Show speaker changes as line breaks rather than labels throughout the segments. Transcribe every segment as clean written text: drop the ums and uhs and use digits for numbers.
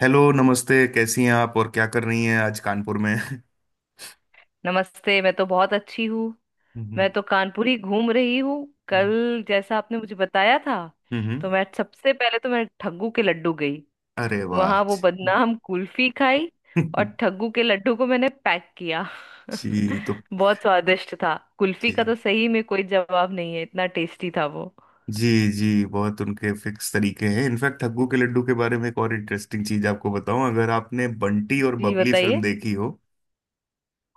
Hello, नमस्ते। कैसी हैं आप और क्या कर रही हैं आज कानपुर में?
नमस्ते। मैं तो बहुत अच्छी हूँ। मैं
हम्म।
तो कानपुरी घूम रही हूँ। कल जैसा आपने मुझे बताया था,
हम्म।
तो मैं सबसे पहले तो मैं ठग्गू के लड्डू गई।
अरे वाह
वहां वो
जी।
बदनाम कुल्फी खाई और ठग्गू के लड्डू को मैंने पैक किया।
जी। तो
बहुत स्वादिष्ट था। कुल्फी का
जी,
तो सही में कोई जवाब नहीं है, इतना टेस्टी था वो।
जी, जी बहुत उनके फिक्स तरीके हैं। इनफैक्ट, ठग्गू के लड्डू के बारे में एक और इंटरेस्टिंग चीज आपको बताऊं, अगर आपने बंटी और
जी
बबली फिल्म
बताइए,
देखी हो।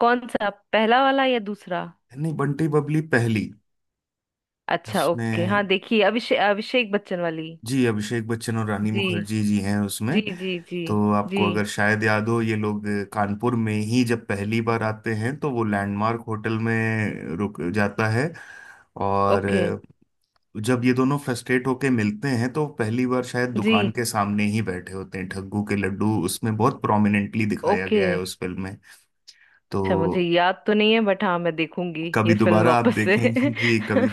कौन सा, पहला वाला या दूसरा?
नहीं, बंटी बबली पहली।
अच्छा ओके।
उसमें
हाँ देखिए, अभिषेक अभिषेक बच्चन वाली।
जी अभिषेक बच्चन और रानी
जी
मुखर्जी जी हैं उसमें।
जी जी। जी
तो
जी।
आपको अगर शायद याद हो, ये लोग कानपुर में ही जब पहली बार आते हैं तो वो लैंडमार्क होटल में रुक जाता है। और
ओके।
जब ये दोनों फ्रस्ट्रेट होके मिलते हैं तो पहली बार शायद
जी।
दुकान के सामने ही बैठे होते हैं, ठग्गू के लड्डू उसमें बहुत प्रोमिनेंटली दिखाया
ओके।
गया है उस फिल्म में। तो
अच्छा, मुझे याद तो नहीं है, बट हाँ मैं देखूंगी ये
कभी
फिल्म
दोबारा आप
वापस से।
देखेंगे जी। कभी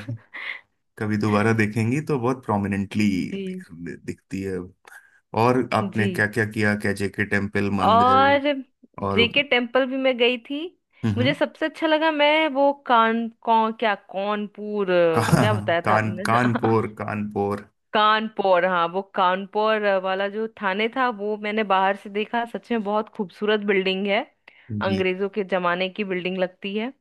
कभी दोबारा देखेंगी तो बहुत प्रोमिनेंटली
जी।
दिख, दिखती है। और आपने
जी।
क्या क्या किया, कैजे के टेम्पल
और
मंदिर? और
जेके टेम्पल भी मैं गई थी।
हम्म
मुझे
हम्म।
सबसे अच्छा लगा, मैं वो कानपुर,
कान
क्या बताया था
कान
आपने?
कानपुर कानपुर।
कानपुर, हाँ वो कानपुर वाला जो थाने था, वो मैंने बाहर से देखा। सच में बहुत खूबसूरत बिल्डिंग है,
जी
अंग्रेजों के जमाने की बिल्डिंग लगती है।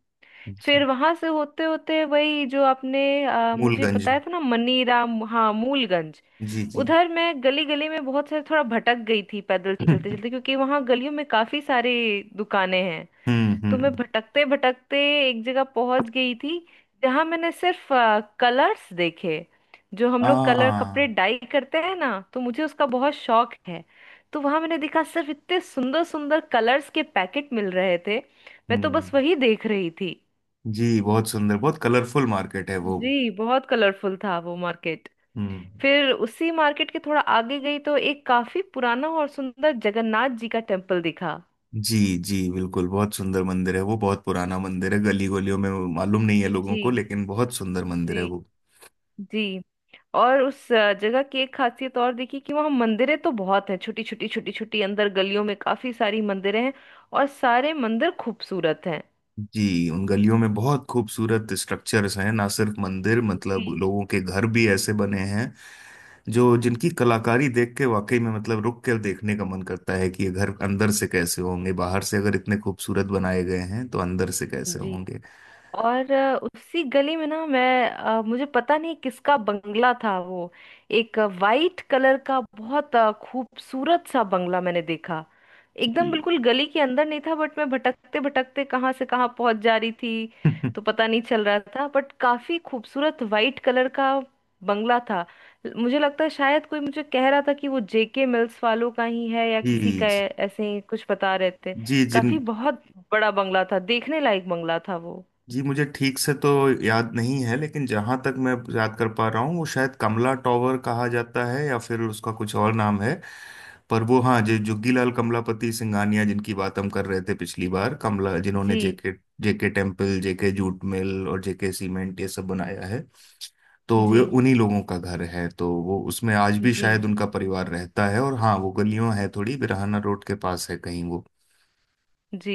जी।
फिर वहां से होते होते वही जो आपने मुझे
मूलगंज।
बताया था ना, मनीराम, हाँ मूलगंज।
जी जी।
उधर मैं गली गली में बहुत सारे थोड़ा भटक गई थी पैदल चलते
हम्म।
चलते, क्योंकि वहां गलियों में काफी सारी दुकानें हैं। तो मैं
हम्म।
भटकते भटकते एक जगह पहुंच गई थी, जहां मैंने सिर्फ कलर्स देखे। जो हम लोग कलर
आ।
कपड़े डाई करते हैं ना, तो मुझे उसका बहुत शौक है। तो वहां मैंने देखा, सिर्फ इतने सुंदर सुंदर कलर्स के पैकेट मिल रहे थे। मैं तो
हम्म।
बस वही देख रही थी।
जी बहुत सुंदर, बहुत कलरफुल मार्केट है वो।
जी, बहुत कलरफुल था वो मार्केट।
हम्म।
फिर उसी मार्केट के थोड़ा आगे गई तो एक काफी पुराना और सुंदर जगन्नाथ जी का टेम्पल दिखा।
जी जी बिल्कुल, बहुत सुंदर मंदिर है वो, बहुत पुराना मंदिर है गली गलियों में। मालूम नहीं है लोगों
जी।
को, लेकिन बहुत सुंदर मंदिर है
जी।
वो।
जी। और उस जगह की एक खासियत और दिखी, कि वहाँ मंदिरें तो बहुत हैं, छोटी छोटी छोटी छोटी, अंदर गलियों में काफी सारी मंदिरें हैं, और सारे मंदिर खूबसूरत हैं।
जी, उन गलियों में बहुत खूबसूरत स्ट्रक्चर्स हैं, ना सिर्फ मंदिर, मतलब
जी।
लोगों के घर भी ऐसे बने हैं जो जिनकी कलाकारी देख के वाकई में, मतलब रुक के देखने का मन करता है कि ये घर अंदर से कैसे होंगे। बाहर से अगर इतने खूबसूरत बनाए गए हैं तो अंदर से कैसे
जी।
होंगे।
और उसी गली में ना, मुझे पता नहीं किसका बंगला था वो। एक वाइट कलर का बहुत खूबसूरत सा बंगला मैंने देखा। एकदम
जी।
बिल्कुल गली के अंदर नहीं था, बट मैं भटकते भटकते कहाँ से कहाँ पहुंच जा रही थी, तो पता नहीं चल रहा था। बट काफी खूबसूरत वाइट कलर का बंगला था। मुझे लगता है शायद, कोई मुझे कह रहा था कि वो जेके मिल्स वालों का ही है या किसी
जी
का
जी
है, ऐसे ही कुछ बता रहे थे।
जी। जिन
काफी बहुत बड़ा बंगला था, देखने लायक बंगला था वो।
जी मुझे ठीक से तो याद नहीं है, लेकिन जहां तक मैं याद कर पा रहा हूँ, वो शायद कमला टॉवर कहा जाता है या फिर उसका कुछ और नाम है। पर वो, हाँ, जो जुग्गीलाल कमलापति सिंघानिया जिनकी बात हम कर रहे थे पिछली बार, कमला जिन्होंने
जी।
JK JK temple, JK jute mill और जेके सीमेंट ये सब बनाया है। तो वे
जी।
उन्हीं लोगों का घर है, तो वो उसमें आज भी
जी।
शायद उनका परिवार रहता है। और हाँ, वो गलियों है थोड़ी बिरहाना रोड के पास है कहीं वो।
जी।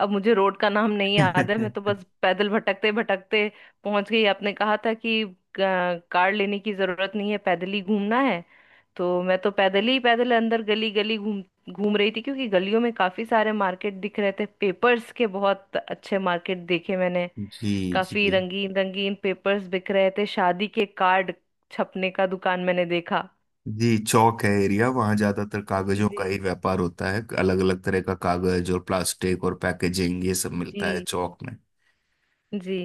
अब मुझे रोड का नाम नहीं याद है, मैं तो बस पैदल भटकते भटकते पहुंच गई। आपने कहा था कि कार लेने की जरूरत नहीं है, पैदल ही घूमना है। तो मैं तो पैदल ही पैदल अंदर गली गली घूम घूम रही थी, क्योंकि गलियों में काफी सारे मार्केट दिख रहे थे। पेपर्स के बहुत अच्छे मार्केट देखे मैंने।
जी
काफी
जी
रंगीन रंगीन पेपर्स बिक रहे थे, शादी के कार्ड छपने का दुकान मैंने देखा।
जी। चौक है एरिया, वहाँ ज्यादातर कागजों का
जी।
ही व्यापार होता है, अलग अलग तरह का कागज और प्लास्टिक और पैकेजिंग ये सब मिलता है
जी।
चौक में।
जी।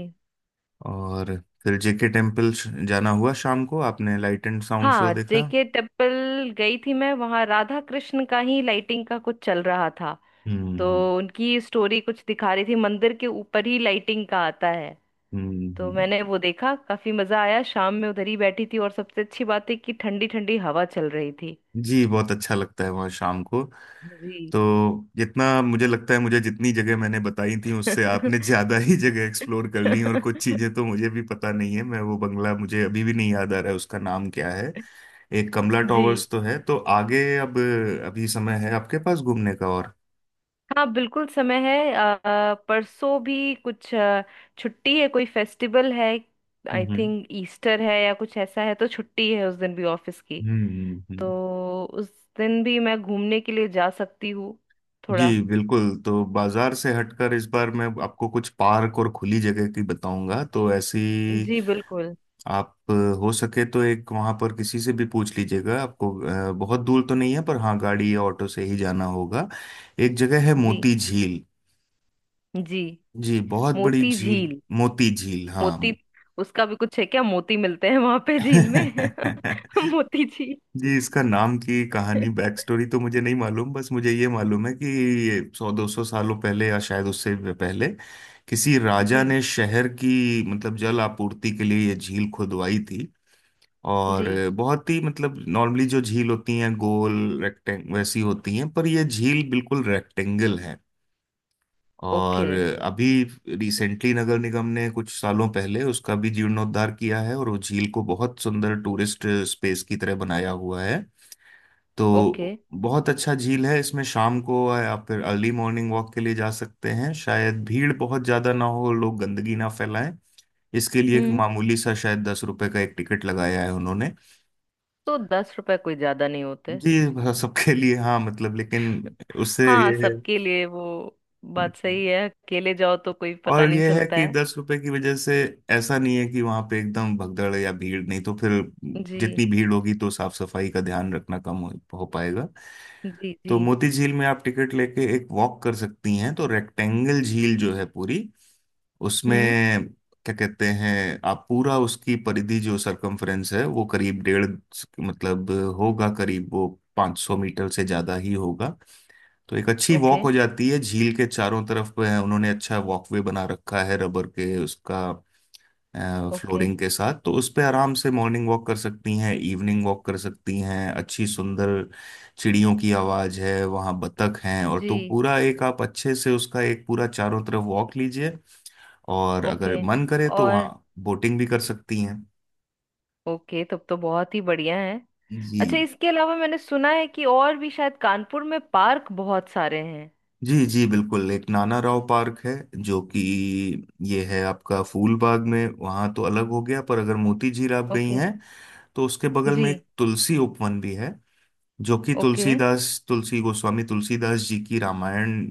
और फिर जेके टेम्पल जाना हुआ शाम को। आपने लाइट एंड साउंड शो
हाँ
देखा।
जेके टेम्पल गई थी मैं, वहां राधा कृष्ण का ही लाइटिंग का कुछ चल रहा था। तो
हम्म।
उनकी स्टोरी कुछ दिखा रही थी, मंदिर के ऊपर ही लाइटिंग का आता है।
हम्म,
तो
हम्म।
मैंने वो देखा, काफी मजा आया। शाम में उधर ही बैठी थी, और सबसे अच्छी बात है कि ठंडी ठंडी हवा चल रही थी।
जी बहुत अच्छा लगता है वहाँ शाम को।
जी।
तो जितना मुझे लगता है, मुझे जितनी जगह मैंने बताई थी उससे आपने ज्यादा ही जगह एक्सप्लोर कर ली, और कुछ चीजें तो मुझे भी पता नहीं है। मैं वो बंगला मुझे अभी भी नहीं याद आ रहा है, उसका नाम क्या है। एक कमला
जी।
टॉवर्स तो है, तो आगे अब अभी समय है आपके पास घूमने का और।
हाँ बिल्कुल समय है। परसों भी कुछ, छुट्टी है, कोई फेस्टिवल है, आई
हम्म
थिंक ईस्टर है या कुछ ऐसा है, तो छुट्टी है उस दिन भी ऑफिस की।
हम्म।
तो उस दिन भी मैं घूमने के लिए जा सकती हूँ
जी
थोड़ा।
बिल्कुल। तो बाजार से हटकर इस बार मैं आपको कुछ पार्क और खुली जगह की बताऊंगा। तो ऐसी
जी बिल्कुल।
आप हो सके तो एक वहां पर किसी से भी पूछ लीजिएगा आपको। बहुत दूर तो नहीं है, पर हाँ गाड़ी या ऑटो से ही जाना होगा। एक जगह है
जी।
मोती झील।
जी।
जी बहुत बड़ी
मोती
झील।
झील।
मोती झील हाँ।
मोती, उसका भी कुछ है क्या, मोती मिलते हैं वहां पे झील में? मोती झील।
जी इसका नाम की कहानी, बैक स्टोरी तो मुझे नहीं मालूम, बस मुझे ये मालूम है कि ये 100-200 सालों पहले या शायद उससे भी पहले किसी राजा
जी।
ने शहर की, मतलब जल आपूर्ति के लिए ये झील खुदवाई थी। और
जी।
बहुत ही, मतलब नॉर्मली जो झील होती हैं गोल, रेक्टेंग वैसी होती हैं, पर ये झील बिल्कुल रेक्टेंगल है।
ओके।
और अभी रिसेंटली नगर निगम ने कुछ सालों पहले उसका भी जीर्णोद्धार किया है, और वो झील को बहुत सुंदर टूरिस्ट स्पेस की तरह बनाया हुआ है।
ओके।
तो बहुत अच्छा झील है। इसमें शाम को आप, फिर अर्ली मॉर्निंग वॉक के लिए जा सकते हैं। शायद भीड़ बहुत ज्यादा ना हो, लोग गंदगी ना फैलाएं, इसके लिए एक
हम्म।
मामूली सा शायद 10 रुपए का एक टिकट लगाया है उन्होंने।
तो 10 रुपए कोई ज्यादा नहीं होते।
ये सबके लिए, हाँ मतलब लेकिन उससे
हाँ
ये
सबके लिए वो बात
है।
सही है, अकेले जाओ तो कोई पता
और
नहीं
ये है
चलता
कि
है।
10 रुपए की वजह से ऐसा नहीं है कि वहां पे एकदम भगदड़ है या भीड़ नहीं, तो फिर
जी।
जितनी भीड़ होगी तो साफ सफाई का ध्यान रखना कम हो पाएगा।
जी।
तो
जी।
मोती झील में आप टिकट लेके एक वॉक कर सकती हैं। तो रेक्टेंगल झील जो है पूरी उसमें,
हम्म।
क्या कहते हैं आप, पूरा उसकी परिधि जो सरकमफ्रेंस है वो करीब डेढ़, मतलब होगा करीब वो 500 मीटर से ज्यादा ही होगा। तो एक अच्छी
ओके।
वॉक हो जाती है झील के चारों तरफ पे है। उन्होंने अच्छा वॉकवे बना रखा है रबर के उसका
ओके।
फ्लोरिंग के साथ। तो उस पे आराम से मॉर्निंग वॉक कर सकती हैं, इवनिंग वॉक कर सकती हैं, अच्छी सुंदर चिड़ियों की आवाज़ है वहाँ, बतख हैं, और तो
जी।
पूरा एक आप अच्छे से उसका एक पूरा चारों तरफ वॉक लीजिए। और
ओके।
अगर मन करे तो
और
वहाँ बोटिंग भी कर सकती हैं।
ओके, तब तो बहुत ही बढ़िया है।
जी
अच्छा इसके अलावा मैंने सुना है कि और भी शायद कानपुर में पार्क बहुत सारे हैं।
जी जी बिल्कुल, एक नाना राव पार्क है, जो कि ये है आपका फूलबाग में, वहाँ तो अलग हो गया, पर अगर मोती झील आप गई
ओके।
हैं तो उसके बगल
जी।
में एक तुलसी उपवन भी है, जो कि
ओके।
तुलसीदास, तुलसी गोस्वामी तुलसीदास जी की रामायण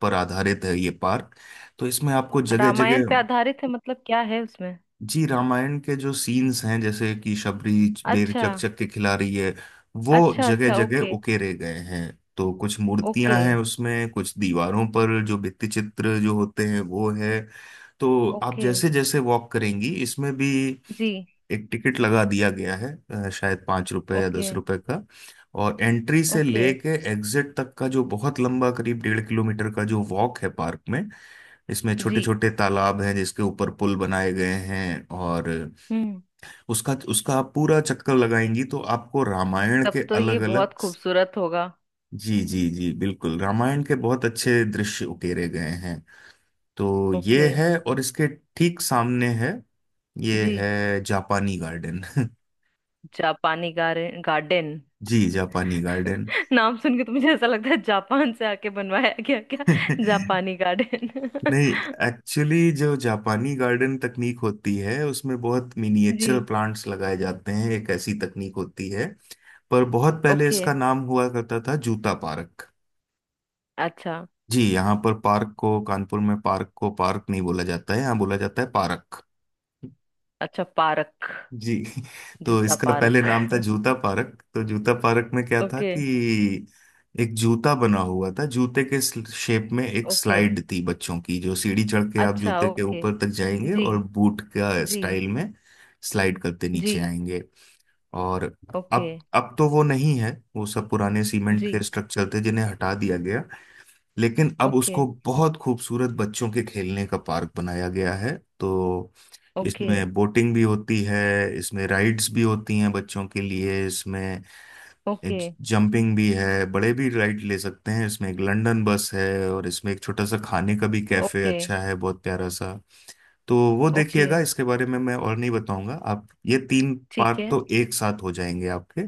पर आधारित है ये पार्क। तो इसमें आपको जगह
रामायण पे
जगह,
आधारित है, मतलब क्या है उसमें?
जी रामायण के जो सीन्स हैं, जैसे कि शबरी बेर
अच्छा।
चकचक के खिला रही है, वो
अच्छा
जगह
अच्छा
जगह
ओके।
उकेरे गए हैं। तो कुछ
ओके।
मूर्तियां हैं उसमें, कुछ दीवारों पर जो भित्ति चित्र जो होते हैं वो है। तो आप
ओके।
जैसे जैसे वॉक करेंगी, इसमें भी
जी।
एक टिकट लगा दिया गया है, शायद 5 रुपए या
ओके।
10 रुपए का। और एंट्री से
ओके।
लेके एग्जिट तक का जो बहुत लंबा करीब 1.5 किलोमीटर का जो वॉक है पार्क में, इसमें छोटे
जी।
छोटे तालाब हैं जिसके ऊपर पुल बनाए गए हैं। और
हम्म।
उसका उसका आप पूरा चक्कर लगाएंगी तो आपको रामायण
तब
के
तो ये
अलग अलग।
बहुत खूबसूरत होगा।
जी जी जी बिल्कुल, रामायण के बहुत अच्छे दृश्य उकेरे गए हैं। तो ये
ओके।
है, और इसके ठीक सामने है, ये
जी।
है जापानी गार्डन।
जापानी गार्डन गार्डन
जी जापानी गार्डन।
नाम सुन के तो मुझे ऐसा लगता है जापान से आके बनवाया गया क्या? जापानी गार्डन।
नहीं, एक्चुअली जो जापानी गार्डन तकनीक होती है उसमें बहुत मिनिएचर
जी।
प्लांट्स लगाए जाते हैं, एक ऐसी तकनीक होती है। पर बहुत पहले
ओके।
इसका नाम हुआ करता था जूता पार्क।
अच्छा।
जी, यहाँ पर पार्क को, कानपुर में पार्क को पार्क नहीं बोला जाता है, यहाँ बोला जाता है पार्क।
अच्छा पार्क।
जी। तो
जूता
इसका पहले
पार्क?
नाम था जूता पार्क। तो जूता पार्क में क्या था
ओके।
कि एक जूता बना हुआ था, जूते के शेप में एक
ओके।
स्लाइड थी बच्चों की, जो सीढ़ी चढ़ के आप
अच्छा
जूते के
ओके।
ऊपर तक जाएंगे,
जी।
और बूट का
जी।
स्टाइल में स्लाइड करते
जी।
नीचे आएंगे। और
ओके।
अब तो वो नहीं है। वो सब पुराने सीमेंट के
जी।
स्ट्रक्चर थे जिन्हें हटा दिया गया, लेकिन अब
ओके।
उसको बहुत खूबसूरत बच्चों के खेलने का पार्क बनाया गया है। तो
ओके।
इसमें बोटिंग भी होती है, इसमें राइड्स भी होती हैं बच्चों के लिए, इसमें
ओके।
जंपिंग भी है, बड़े भी राइड ले सकते हैं इसमें। एक लंदन बस है, और इसमें एक छोटा सा खाने का भी कैफे
ओके।
अच्छा है, बहुत प्यारा सा। तो वो
ओके।
देखिएगा, इसके बारे में मैं और नहीं बताऊंगा। आप ये तीन
ठीक
पार्क
है।
तो एक साथ हो जाएंगे आपके।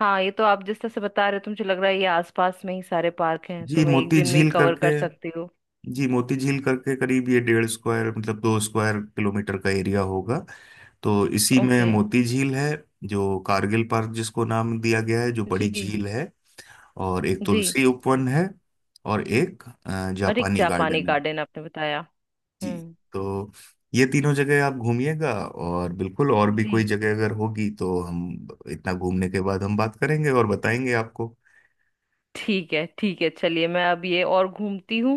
हाँ ये तो आप जिस तरह से बता रहे हो, तो मुझे लग रहा है ये आसपास में ही सारे पार्क हैं,
जी
तो मैं एक
मोती
दिन में ही
झील
कवर
करके
कर सकती हूँ।
जी मोती झील करके करीब ये 1.5 स्क्वायर, मतलब 2 स्क्वायर किलोमीटर का एरिया होगा। तो इसी में
ओके।
मोती झील है, जो कारगिल पार्क जिसको नाम दिया गया है, जो बड़ी
जी।
झील है। और एक
जी।
तुलसी उपवन है। और एक
और एक
जापानी
जापानी
गार्डन है।
गार्डन आपने बताया।
जी।
हम्म।
तो ये तीनों जगह आप घूमिएगा, और बिल्कुल और भी
जी
कोई जगह अगर होगी तो हम इतना घूमने के बाद हम बात करेंगे और बताएंगे आपको।
ठीक है, ठीक है। चलिए मैं अब ये और घूमती हूँ।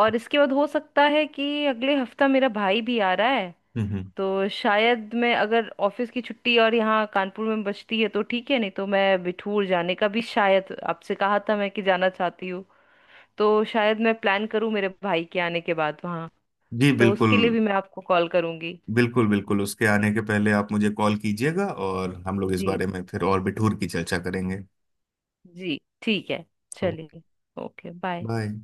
और इसके बाद हो सकता है कि अगले हफ्ता मेरा भाई भी आ रहा है।
हम्म हम्म।
तो शायद मैं, अगर ऑफिस की छुट्टी और यहाँ कानपुर में बचती है तो ठीक है, नहीं तो मैं बिठूर जाने का भी शायद आपसे कहा था मैं कि जाना चाहती हूँ। तो शायद मैं प्लान करूँ मेरे भाई के आने के बाद वहाँ।
जी
तो
बिल्कुल
उसके लिए भी मैं आपको कॉल करूँगी।
बिल्कुल बिल्कुल उसके आने के पहले आप मुझे कॉल कीजिएगा, और हम लोग इस
जी।
बारे में फिर और भी ठूर की चर्चा करेंगे।
जी ठीक है।
तो
चलिए। Okay bye.
बाय।